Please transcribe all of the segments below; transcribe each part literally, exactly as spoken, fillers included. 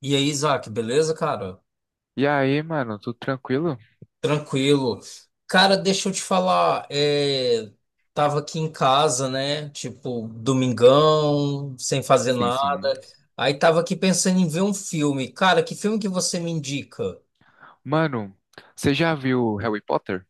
E aí, Isaac, beleza, cara? E aí, mano, tudo tranquilo? Tranquilo. Cara, deixa eu te falar, é, tava aqui em casa, né? Tipo, domingão, sem fazer Sim, sim. nada. Aí tava aqui pensando em ver um filme. Cara, que filme que você me indica? Mano, você já viu Harry Potter?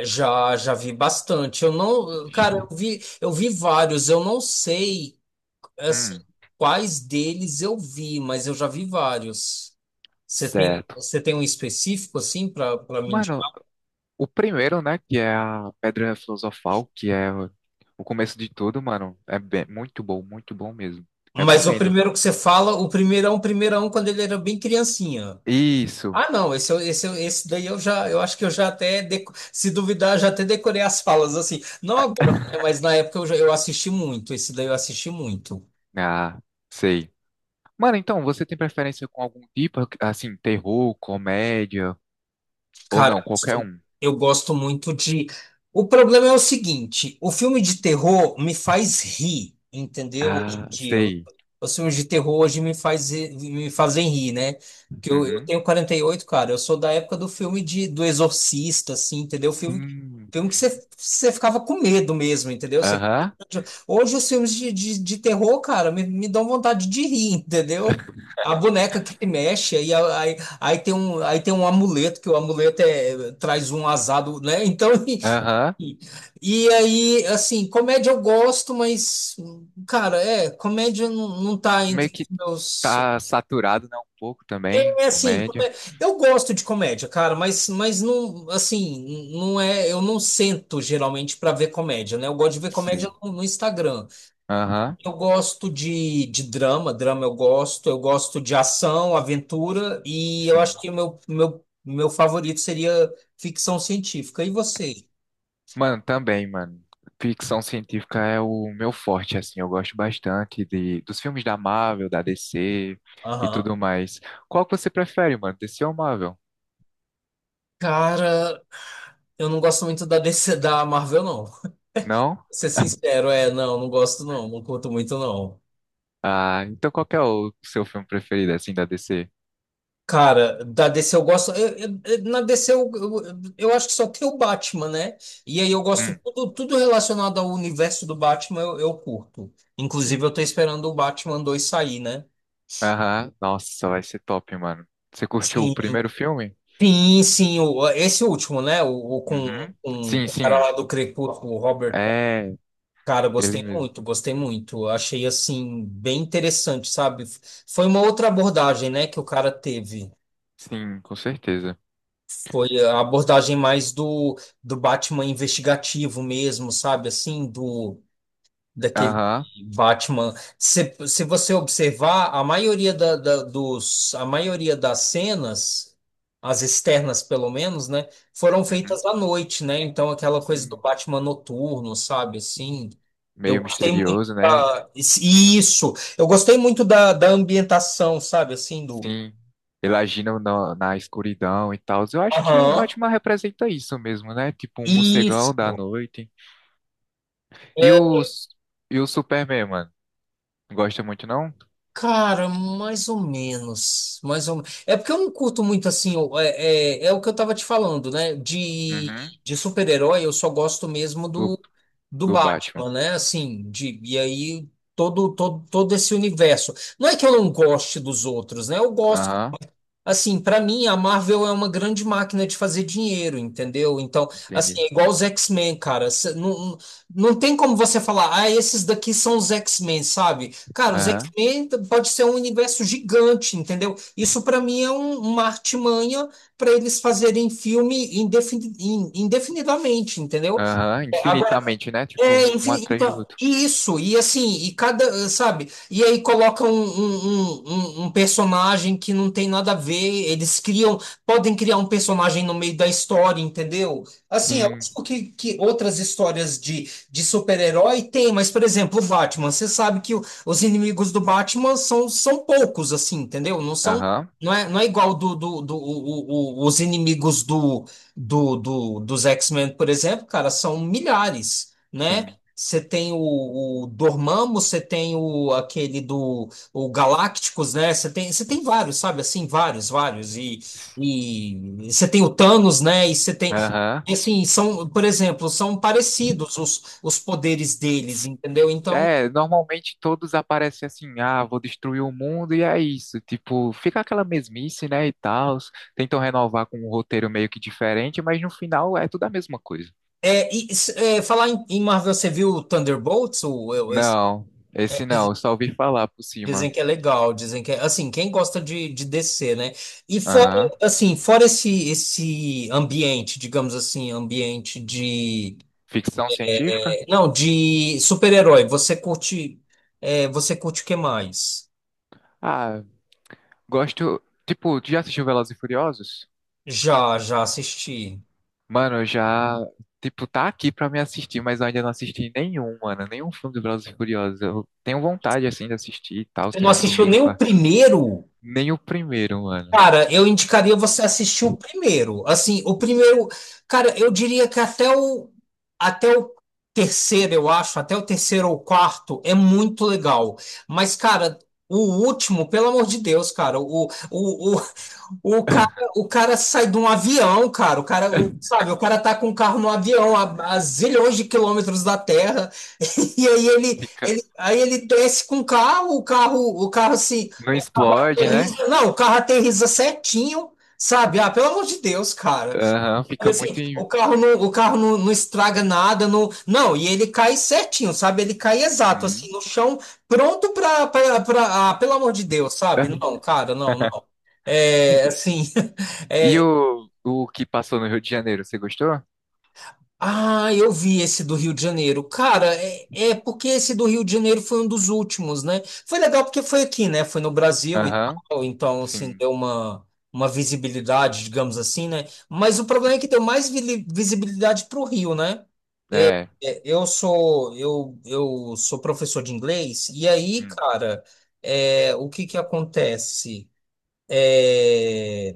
Já, já vi bastante. Eu não, Já. cara, eu vi, eu vi vários. Eu não sei, assim, Hum, quais deles eu vi, mas eu já vi vários. Você tem, certo. você tem um específico assim para para mim? Mano, o primeiro, né, que é a Pedra Filosofal, que é o o começo de tudo, mano, é bem- muito bom, muito bom mesmo. Mas o Recomendo. primeiro que você fala, o primeirão, primeirão, quando ele era bem criancinha. Isso. Ah, não, esse, eu- esse, eu- esse daí eu já, eu acho que eu já até, deco- se duvidar, já até decorei as falas, assim. Não agora, né, mas na época eu, já, eu assisti muito, esse daí eu assisti muito. Ah, sei. Mano, então, você tem preferência com algum tipo, assim, terror, comédia, ou Cara, não, eu qualquer gosto um? eu gosto muito de. O problema é o seguinte: o filme de terror me faz rir, entendeu? Hoje Ah, em dia, Eu- sei. os filmes de terror hoje me faz, me fazem rir, né? Porque eu, eu Uhum. tenho quarenta e oito cara. Eu sou da época do filme de, do Exorcista, assim, entendeu? Filme, Sim. filme que você, você ficava com medo mesmo, entendeu? Você- Aham. hoje os filmes de, de, de terror, cara, me, me dão vontade de rir, entendeu? A boneca que mexe, aí. Aí tem um, aí tem um amuleto, que o amuleto é, traz um azado, né? Então, Aham. e, e aí, assim, comédia eu gosto, mas, cara, é, comédia não, não tá Meio entre que os meus. Tá saturado, né? Um pouco também, É assim, comédia. comé- eu gosto de comédia, cara, mas, mas não, assim, não é, eu não sento geralmente pra ver comédia, né? Eu gosto de ver comédia Sei. no, no Instagram. Aham, Eu gosto de, de drama, drama eu gosto, eu gosto de ação, aventura, e eu acho sim. que o meu, meu, meu favorito seria ficção científica. E você? Mano, também, mano. Ficção científica é o meu forte, assim. Eu gosto bastante de, dos filmes da Marvel, da D C e Aham. tudo mais. Qual que você prefere, mano? D C ou Marvel? Cara, eu não gosto muito da D C da Marvel, não. Pra Não? ser sincero, é, não, não gosto não, não curto muito não. Ah, então qual que é o seu filme preferido, assim, da D C? Cara, da D C eu gosto. Eu- eu- eu- na D C eu, eu, eu acho que só tem o Batman, né? E aí eu gosto Hum. tudo, tudo relacionado ao universo do Batman, eu, eu curto. Inclusive, eu tô esperando o Batman dois sair, né? Aham. Nossa, vai ser top, mano. Você curtiu o Sim, primeiro filme? sim, sim, o- esse último, né? O, o com, Uhum. com Sim, o cara sim. lá do Crepúsculo, o Robert. É, Cara, eu ele gostei mesmo. muito, gostei muito. Eu achei assim bem interessante, sabe? Foi uma outra abordagem, né, que o cara teve. Sim, com certeza. Foi a abordagem mais do, do Batman investigativo mesmo, sabe? Assim, do daquele Aham. Batman. Se, se você observar, a maioria da, da- dos, a maioria das cenas, as externas pelo menos, né, foram Uhum. feitas à noite, né? Então aquela coisa do Sim, Batman noturno, sabe, assim. Eu meio gostei muito misterioso, né? da, isso. Eu gostei muito da, da ambientação, sabe, assim do. Sim, ele agindo na, na escuridão e tal. Eu acho que o Aham. Batman representa isso mesmo, né? Tipo um morcegão da Isso. noite. E é, os e o Superman, mano? Não Gosta muito, não? Cara, mais ou menos, mais ou menos. É porque eu não curto muito assim, o- é, é, é o que eu tava te falando, né? De, Uhum. de super-herói, eu só gosto mesmo Do, do, do do Batman. Batman, né? Assim, de, e aí todo, todo, todo esse universo. Não é que eu não goste dos outros, né? Eu gosto. Aham, Assim, pra mim, a Marvel é uma grande máquina de fazer dinheiro, entendeu? Então, assim, entendi. é igual os X-Men, cara. Cê- Não, não tem como você falar, ah, esses daqui são os X-Men, sabe? Cara, os Aham, X-Men t- pode ser um universo gigante, entendeu? Isso pra mim é um, uma artimanha pra eles fazerem filme indefini- in- indefinidamente, entendeu? aham, infinitamente, né? Tipo, É, um enfim, atrás do então, outro. isso, e assim, e cada, sabe, e aí coloca um, um, um, um- um personagem que não tem nada a ver, eles criam, podem criar um personagem no meio da história, entendeu? Assim, é Sim, lógico que, que, outras histórias de, de super-herói tem, mas, por exemplo, o Batman, você sabe que o- os inimigos do Batman são, são poucos, assim, entendeu? Não são, aham, não é, não é igual do, do, do, o- o- os inimigos do, do, do, dos X-Men, por exemplo, cara, são milhares né? sim. Você tem o, o Dormammu, você tem o aquele do o Galácticos, né? Você tem, você tem vários, sabe? Assim, vários, vários. E, e você tem o Thanos, né? E você tem Aham. assim, são, por exemplo, são parecidos os, os poderes deles, entendeu? Então, É, normalmente todos aparecem assim, ah, vou destruir o mundo e é isso. Tipo, fica aquela mesmice, né, e tal. Tentam renovar com um roteiro meio que diferente, mas no final é tudo a mesma coisa. é, e, s- é, falar em, em Marvel, você viu o Thunderbolts, o, o- esse. Não, esse não, eu só ouvi falar por Dizem cima. que é legal, dizem que é, assim, quem gosta de, de descer, né? E fora, Aham. assim, fora esse, esse ambiente, digamos assim, ambiente de, Ficção científica? eh, não, de super-herói, você curte, eh, você curte o que mais? Ah, gosto. Tipo, tu já assistiu Velozes e Furiosos? Já, já assisti. Mano, eu já. Tipo, tá aqui pra me assistir, mas eu ainda não assisti nenhum, mano. Nenhum filme do Velozes e Furiosos. Eu tenho vontade, assim, de assistir e tal, Você não tirar um assistiu domingo nem o pra. primeiro? Nem o primeiro, mano. Cara, eu indicaria você assistir o primeiro. Assim, o primeiro, cara, eu diria que até o até o terceiro, eu acho, até o terceiro ou quarto é muito legal. Mas, cara, o último, pelo amor de Deus, cara, o o, o, o cara o cara sai de um avião, cara. O cara, o- sabe, o cara tá com um carro no avião a, a zilhões de quilômetros da Terra. E aí ele, Fica, ele aí ele desce com o carro, o carro, o carro assim não explode, né? aterriza- não, o carro aterriza certinho, sabe? Ah, pelo amor de Deus, cara. Aham, Sabe fica muito assim, em... o carro não, o carro não, não estraga nada, não, não, e ele cai certinho, sabe? Ele cai exato, assim, Uhum. no chão, pronto pra, pra, pra- ah, pelo amor de Deus, sabe? Não, cara, não, não. É, assim, E é, o, o que passou no Rio de Janeiro, você gostou? Ah, eu vi esse do Rio de Janeiro. Cara, é, é porque esse do Rio de Janeiro foi um dos últimos, né? Foi legal porque foi aqui, né? Foi no Brasil e Aham, tal, então, assim, sim, deu uma, uma visibilidade, digamos assim, né? Mas o problema é sim. que deu mais vili- visibilidade para o Rio, né? É, É, Eu sou, eu, eu sou professor de inglês, e aí, hum, cara, é, o que que acontece? É.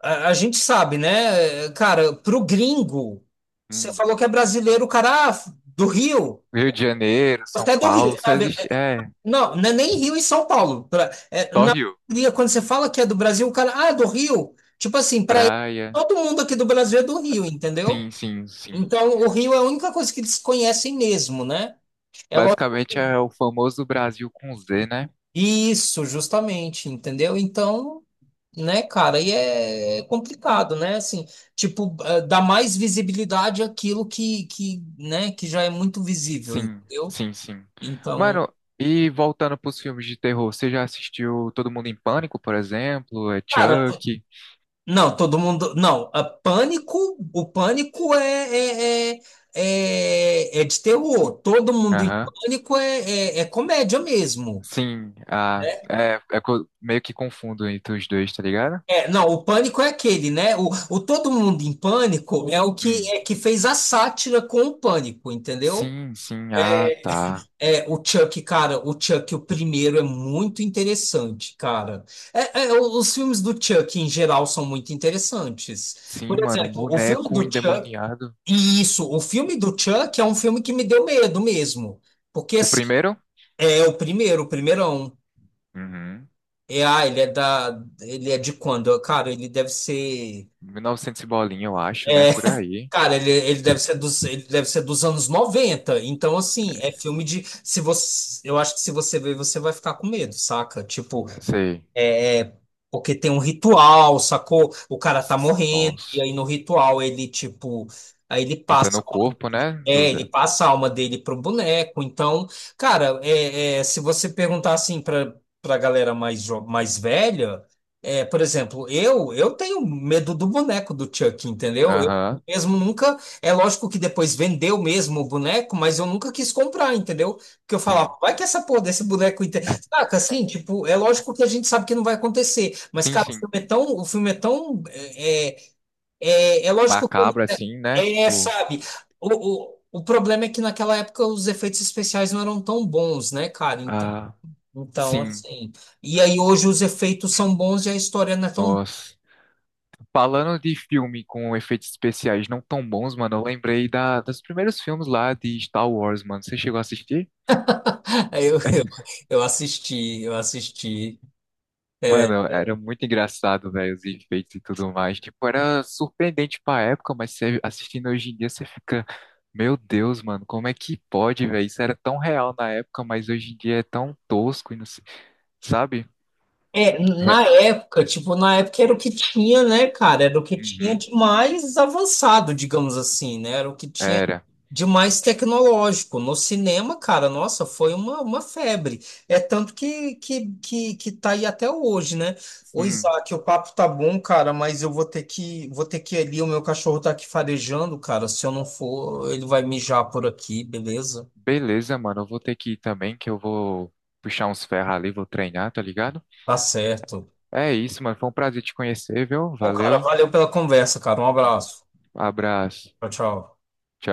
A, a gente sabe, né? Cara, pro gringo, você hum. falou que é brasileiro, o cara ah, do Rio, Rio de Janeiro, São até do Rio, Paulo, só sabe? existe, é, Não, não é nem Rio e São Paulo. Pra, é, só Na Rio, maioria, quando você fala que é do Brasil, o cara, ah, é do Rio. Tipo assim, pra ele, praia, todo mundo aqui do Brasil é do Rio, entendeu? sim, sim, sim. Então, o Rio é a única coisa que eles conhecem mesmo, né? É lógico. Basicamente é o famoso Brasil com Z, né? Isso, justamente, entendeu? Então, né, cara, e é é complicado, né? Assim, tipo, eh, dá mais visibilidade àquilo que, que, né, que já é muito visível, Sim, entendeu? sim, sim. Então, Mano, e voltando pros filmes de terror, você já assistiu Todo Mundo em Pânico, por exemplo? É cara, t- Chuck? não, todo mundo, não, a pânico, o pânico é, é, é, é, é de terror, todo mundo em Aham. pânico é, é, é comédia mesmo. Sim, ah, é, é co- meio que confundo entre os dois, tá ligado? É, não, o pânico é aquele, né? O, o Todo Mundo em Pânico é o que Hum. é que fez a sátira com o pânico, entendeu? Sim, sim, ah, tá. É, o Chuck, cara, o Chuck, o primeiro é muito interessante, cara. É, é, o- os filmes do Chuck em geral são muito interessantes. Sim, Por mano, um exemplo, o filme do boneco Chuck, endemoniado. e isso, o filme do Chuck é um filme que me deu medo mesmo, porque O assim, primeiro? é o primeiro, o primeirão. Uhum. É, ah, ele é da, ele é de quando? Cara, ele deve ser. mil e novecentos e novecentos e bolinha, eu acho, né? é, Por aí. Cara, ele, ele deve ser dos, ele deve ser dos anos noventa. Então, assim, é filme de. Se você, Eu acho que se você ver, você vai ficar com medo, saca? Tipo, Não sei. é, porque tem um ritual, sacou? O cara tá morrendo, e Nossa. aí no ritual ele, tipo, aí ele Entra passa, no a alma corpo, dele- né? Do... é, ele da- passa a alma dele pro boneco. Então, cara, é, é, se você perguntar assim pra, pra galera mais, jo- mais velha, é, por exemplo, eu, eu tenho medo do boneco do Chuck, entendeu? Eu Aham. mesmo nunca, é lógico que depois vendeu mesmo o boneco, mas eu nunca quis comprar, entendeu? Porque eu falava, Sim. vai que essa porra desse boneco. Saca, assim, tipo, é lógico que a gente sabe que não vai acontecer, mas, Sim, cara, o sim. filme é tão, o filme é tão, é, é, é é lógico que, ele- macabro, assim, né? é, Tipo, sabe, o, o, o problema é que naquela época os efeitos especiais não eram tão bons, né, cara, então, ah, então, sim, assim, e aí hoje os efeitos são bons e a história não é tão, nossa. Falando de filme com efeitos especiais não tão bons, mano, eu lembrei da, dos primeiros filmes lá de Star Wars, mano. Você chegou a assistir? eu, eu, eu assisti, eu assisti, Mano, era muito engraçado, velho, os efeitos e tudo mais. Tipo, era surpreendente pra época, mas você assistindo hoje em dia, você fica, meu Deus, mano, como é que pode, velho? Isso era tão real na época, mas hoje em dia é tão tosco e não sei, sabe? É, É, na época, tipo, na época era o que tinha, né, cara? Era o que tinha uhum, de mais avançado, digamos assim, né? Era o que tinha era. de mais tecnológico. No cinema, cara, nossa, foi uma, uma febre. É tanto que, que, que, que tá aí até hoje, né? Ô, Sim. Isaac, o papo tá bom, cara, mas eu vou ter que, vou ter que ir ali, o meu cachorro tá aqui farejando, cara. Se eu não for, ele vai mijar por aqui, beleza? Beleza, mano. Eu vou ter que ir também, que eu vou puxar uns ferros ali, vou treinar, tá ligado? Tá certo. É isso, mano. Foi um prazer te conhecer, viu? Pô, cara, Valeu. valeu pela conversa, cara. Um abraço. Abraço. Tchau, tchau. Tchau.